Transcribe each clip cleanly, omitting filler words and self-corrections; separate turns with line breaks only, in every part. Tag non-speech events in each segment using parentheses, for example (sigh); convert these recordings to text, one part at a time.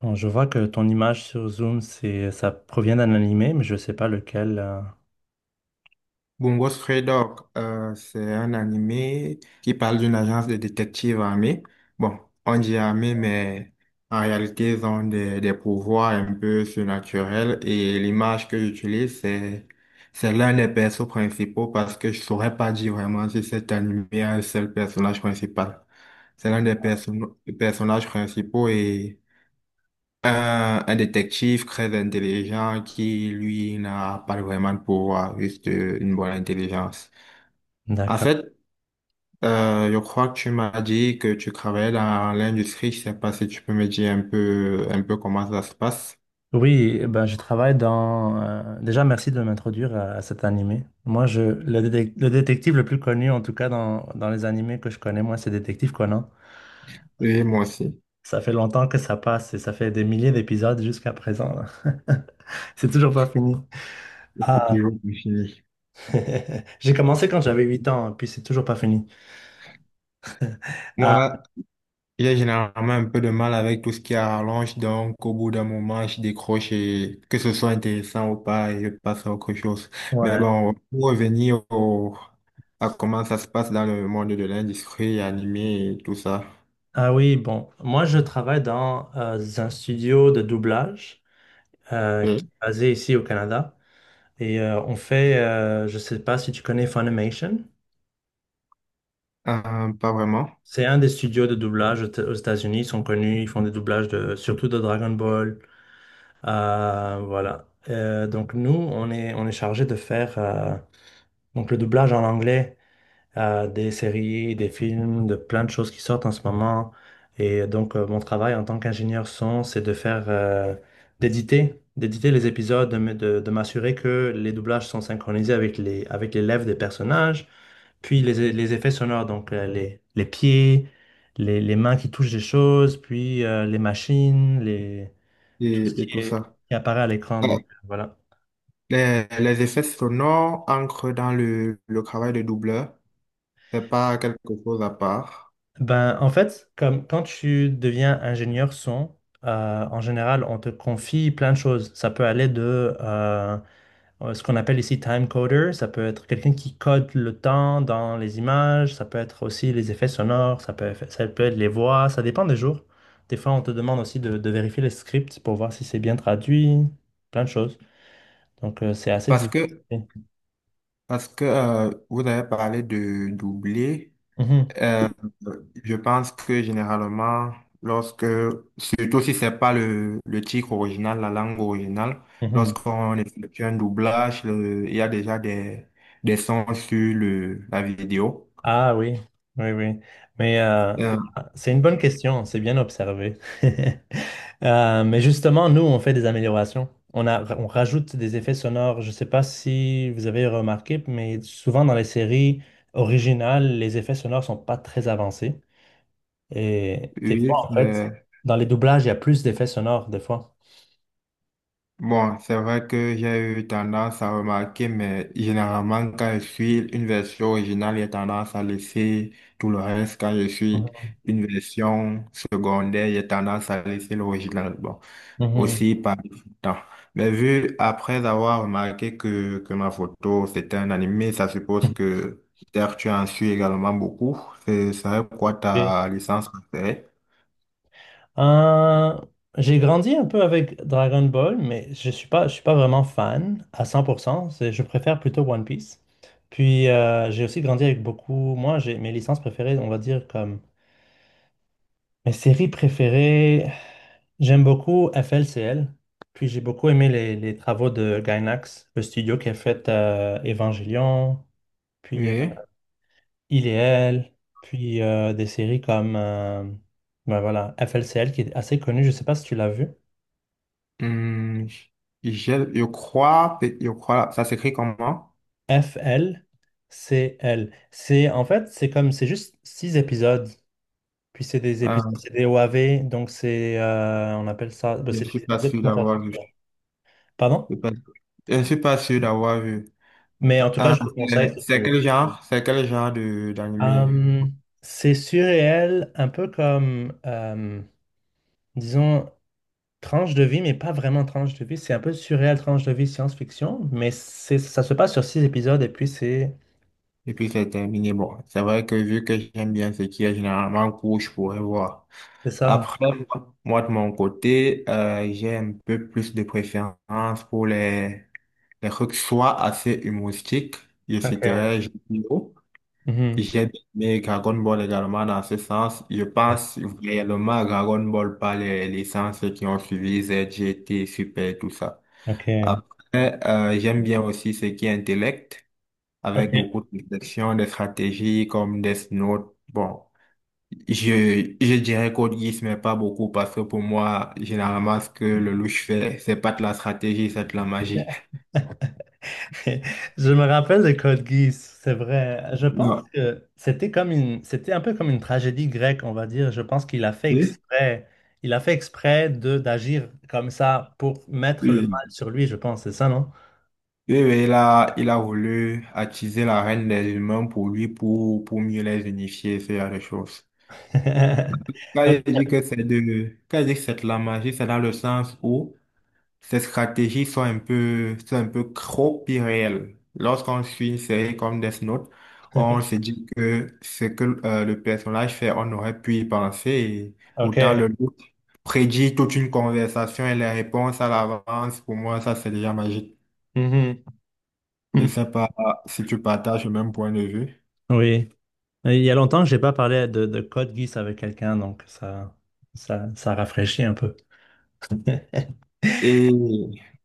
Bon, je vois que ton image sur Zoom, ça provient d'un animé, mais je ne sais pas lequel.
Bungo Stray Dog, c'est un animé qui parle d'une agence de détectives armés. Bon, on dit armés, mais en réalité, ils ont des pouvoirs un peu surnaturels. Et l'image que j'utilise, c'est l'un des persos principaux parce que je saurais pas dire vraiment si cet animé a un seul personnage principal. C'est l'un des personnages principaux et un détective très intelligent qui, lui, n'a pas vraiment de pouvoir, juste une bonne intelligence. En
D'accord.
fait, je crois que tu m'as dit que tu travaillais dans l'industrie. Je sais pas si tu peux me dire un peu comment ça se passe.
Oui, eh ben, je travaille dans... Déjà, merci de m'introduire à cet animé. Moi, je... le détective le plus connu, en tout cas dans les animés que je connais, moi, c'est Détective Conan.
Et moi aussi.
Ça fait longtemps que ça passe et ça fait des milliers d'épisodes jusqu'à présent. Là. (laughs) C'est toujours pas fini.
Je toujours plus fini.
(laughs) J'ai commencé quand j'avais 8 ans, puis c'est toujours pas fini. Ah,
Moi, j'ai généralement un peu de mal avec tout ce qui est rallonge, donc au bout d'un moment, je décroche et que ce soit intéressant ou pas, et je passe à autre chose. Mais
ouais.
bon, pour revenir à comment ça se passe dans le monde de l'industrie animée et tout ça.
Ah oui, bon, moi je travaille dans un studio de doublage qui est
Oui.
basé ici au Canada et on fait, je sais pas si tu connais Funimation,
Pas vraiment.
c'est un des studios de doublage aux États-Unis, ils sont connus, ils font des doublages de, surtout de Dragon Ball, voilà. Donc nous, on est chargé de faire donc le doublage en anglais à des séries, des films, de plein de choses qui sortent en ce moment. Et donc, mon travail en tant qu'ingénieur son, c'est de faire, d'éditer les épisodes, de m'assurer que les doublages sont synchronisés avec avec les lèvres des personnages, puis les effets sonores, donc les pieds, les mains qui touchent des choses, puis les machines. Tout ce
Et,
qui
et tout ça.
qui apparaît à l'écran.
Ah,
Donc, voilà.
les effets sonores entrent dans le travail de doubleur. C'est pas quelque chose à part.
Ben, en fait, comme quand tu deviens ingénieur son, en général, on te confie plein de choses. Ça peut aller de ce qu'on appelle ici time coder. Ça peut être quelqu'un qui code le temps dans les images. Ça peut être aussi les effets sonores. Ça peut être les voix. Ça dépend des jours. Des fois, on te demande aussi de vérifier les scripts pour voir si c'est bien traduit. Plein de choses. Donc, c'est assez
Parce
difficile.
que, parce que vous avez parlé de doubler.
Mhm,
Euh, je pense que généralement, lorsque, surtout si c'est pas le titre original, la langue originale,
mhm.
lorsqu'on effectue un doublage, il y a déjà des sons sur le, la vidéo.
Ah oui, oui, oui. Mais
Euh,
c'est une bonne question, c'est bien observé. (laughs) Mais justement, nous, on fait des améliorations. On rajoute des effets sonores. Je ne sais pas si vous avez remarqué, mais souvent dans les séries originales, les effets sonores sont pas très avancés. Et des fois,
oui.
en fait, dans les doublages, il y a plus d'effets sonores, des fois.
Bon, c'est vrai que j'ai eu tendance à remarquer, mais généralement, quand je suis une version originale, j'ai tendance à laisser tout le reste. Quand je suis une version secondaire, j'ai tendance à laisser l'original. Bon,
Mhm.
aussi par temps. Mais vu, après avoir remarqué que ma photo, c'était un animé, ça suppose que peut-être tu en suis également beaucoup. C'est quoi
Mhm.
ta licence préférée?
Euh, j'ai grandi un peu avec Dragon Ball, mais je suis pas vraiment fan à 100%. C'est- Je préfère plutôt One Piece. Puis j'ai aussi grandi avec beaucoup. Moi, j'ai mes licences préférées, on va dire comme mes séries préférées. J'aime beaucoup F L C L. Puis j'ai beaucoup aimé les travaux de Gainax, le studio qui a fait Evangelion, puis
Oui.
Il et Elle, puis des séries comme ben voilà, F L C L qui est assez connu. Je sais pas si tu l'as vu.
Hum, je, je crois, ça s'écrit comment?
F-L-C-L. C'est, en fait, c'est comme, c'est juste six épisodes. Puis c'est des épisodes,
Euh,
c'est des OAV, donc c'est, on appelle ça, ben,
je
c'est
ne suis
des
pas
épisodes qui
sûr
vont faire
d'avoir vu.
plusieurs. Pardon?
Je ne suis pas sûr d'avoir vu.
Mais en tout cas, je te conseille
C'est
si tu
c'est
veux.
quel genre? C'est quel genre de d'animé?
Euh, c'est surréel, un peu comme, disons, tranche de vie, mais pas vraiment tranche de vie. C'est un peu surréel, tranche de vie, science-fiction, mais c'est, ça se passe sur six épisodes et puis
Et puis c'est terminé. Bon, c'est vrai que vu que j'aime bien ce qui est généralement court, je pourrais voir.
c'est ça.
Après, moi, de mon côté, j'ai un peu plus de préférence pour les trucs soit assez humoristiques, je
Ok.
citerai Jeux vidéo.
Mhm.
J'ai aimé Dragon Ball également dans ce sens. Je
Ouais,
pense réellement Dragon Ball par les licences qui ont suivi ZGT, Super, tout ça.
Ok.
Après, j'aime bien aussi ce qui est intellect,
Ok.
avec beaucoup de réflexion, des stratégies comme Death Note. Bon, je dirais Code Geass, mais pas beaucoup parce que pour moi, généralement, ce que le louche fait, c'est pas de la stratégie, c'est de la magie. (laughs)
(laughs) Je me rappelle de Code Geass, c'est vrai. Je pense
Non.
que c'était un peu comme une tragédie grecque, on va dire. Je pense qu'il a fait
Oui,
exprès, il a fait exprès de d'agir comme ça pour mettre le
oui.
mal sur lui, je pense, c'est ça, non?
Oui, oui, il a voulu attiser la reine des humains pour lui, pour mieux les unifier, ce genre de choses.
(laughs)
Quand il
Donc,
dit quand il dit que c'est de la magie, c'est dans le sens où ces stratégies sont un peu trop irréelles. Lorsqu'on suit une série comme Death Note, on se dit que ce que le personnage fait, on aurait pu y penser et pourtant
Ok.
le doute prédit toute une conversation et les réponses à l'avance. Pour moi, ça, c'est déjà magique.
Mhm.
C'est
(laughs)
sympa si tu partages le même point de vue.
Oui. Il y a longtemps que j'ai pas parlé de Code Geass avec quelqu'un, donc ça rafraîchit un peu.
Et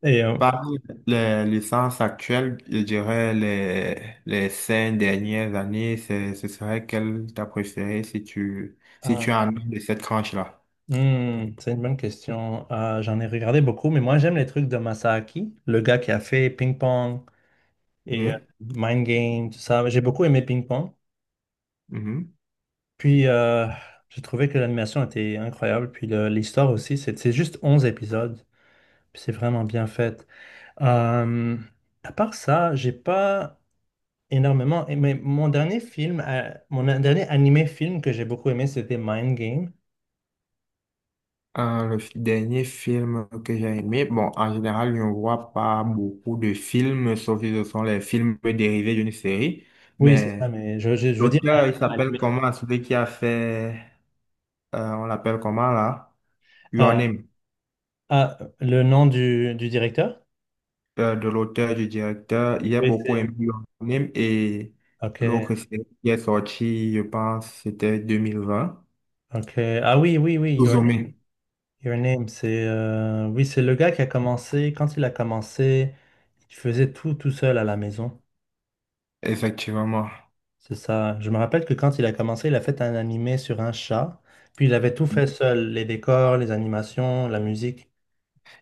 Et
parmi les licences actuelles, je dirais les cinq dernières années, ce serait quelle t'as préférée si tu en as de cette tranche-là?
hmm, c'est une bonne question. J'en ai regardé beaucoup, mais moi j'aime les trucs de Masaaki, le gars qui a fait Ping Pong et
Oui.
Mind Game, tout ça. J'ai beaucoup aimé Ping Pong.
Mhm.
Puis j'ai trouvé que l'animation était incroyable. Puis l'histoire aussi, c'est juste 11 épisodes. Puis c'est vraiment bien fait. Euh, à part ça, j'ai pas énormément aimé. Mon dernier film, mon dernier animé film que j'ai beaucoup aimé, c'était Mind Game.
Le dernier film que j'ai aimé, bon, en général, je ne vois pas beaucoup de films, sauf si ce sont les films dérivés d'une série.
Oui, c'est ça,
Mais
mais je veux dire
l'auteur, il s'appelle
animé.
comment? Celui qui a fait, on l'appelle comment là?
Euh,
Your Name,
ah, le nom du directeur?
de l'auteur, du directeur. J'ai
Oui,
beaucoup
c'est.
aimé Your Name et
Ok,
l'autre série qui est sorti, je pense, c'était 2020.
ok. Ah oui, oui, oui, Your,
Suzume,
Your Name, c'est. Euh, oui, c'est le gars qui a commencé. Quand il a commencé, il faisait tout tout seul à la maison.
effectivement.
C'est ça. Je me rappelle que quand il a commencé, il a fait un animé sur un chat. Puis il avait tout fait seul, les décors, les animations, la musique.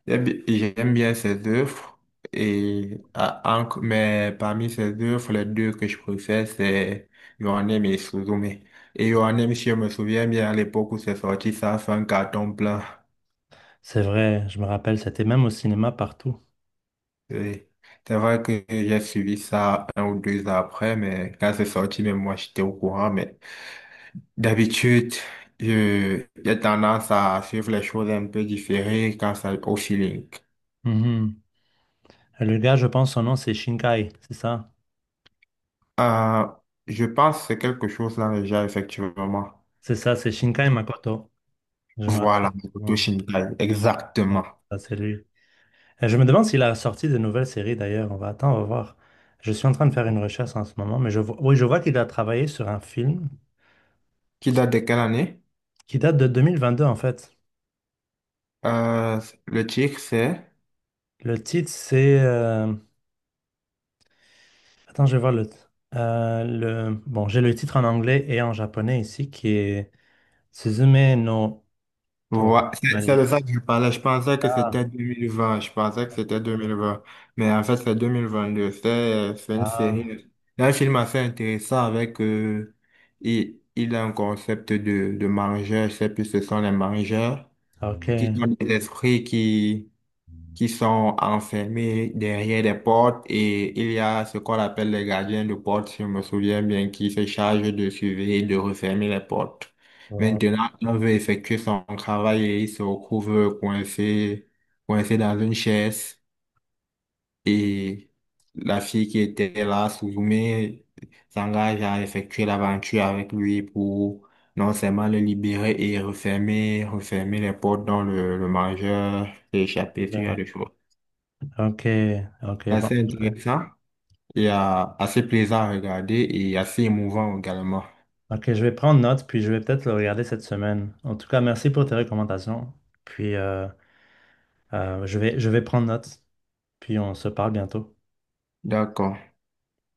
J'aime bien ses œuvres, et, ah, mais parmi ses œuvres, les deux que je préfère, c'est Your Name et Suzume. Et Your Name, si je me souviens bien, à l'époque où c'est sorti, ça a fait un carton plein.
C'est vrai, je me rappelle, c'était même au cinéma partout.
Oui. C'est vrai que j'ai suivi ça un ou deux ans après, mais quand c'est sorti, même moi, j'étais au courant. Mais d'habitude, j'ai tendance à suivre les choses un peu différées quand ça au feeling.
Mhm. Le gars, je pense, son nom, c'est Shinkai, c'est ça?
Euh, je pense que c'est quelque chose là déjà, effectivement.
C'est ça, c'est Shinkai Makoto. Je me rappelle.
Voilà, Makoto
Bon,
Shinkai, exactement.
ça, c'est lui. Je me demande s'il a sorti de nouvelles séries d'ailleurs. On va attendre, on va voir. Je suis en train de faire une recherche en ce moment, mais je vois, oui, je vois qu'il a travaillé sur un film
Qui date de quelle année?
qui date de 2022 en fait.
Euh, le titre, c'est?
Le titre, c'est... attends, je vais voir le... euh, Bon, j'ai le titre en anglais et en japonais ici qui est Suzume no
Ouais, c'est
Toranari.
de ça que je parlais. Je pensais que
Ah,
c'était 2020. Je pensais que c'était 2020. Mais en fait, c'est 2022. C'est une
ah,
série. C'est un film assez intéressant avec... il a un concept de mangeurs. Je sais plus ce sont les mangeurs
ok.
qui sont des esprits qui sont enfermés derrière des portes et il y a ce qu'on appelle les gardiens de porte, si je me souviens bien, qui se chargent de surveiller et de refermer les portes.
Ok,
Maintenant, on veut effectuer son travail et il se retrouve coincé, coincé dans une chaise et la fille qui était là, Suzume, s'engage à effectuer l'aventure avec lui pour non seulement le libérer et refermer, refermer les portes dont le mangeur s'est échappé, ce genre de choses
ok, ok, bon.
assez intéressant et assez plaisant à regarder et assez émouvant également.
Ok, je vais prendre note, puis je vais peut-être le regarder cette semaine. En tout cas, merci pour tes recommandations. Puis, je vais prendre note, puis on se parle bientôt.
D'accord.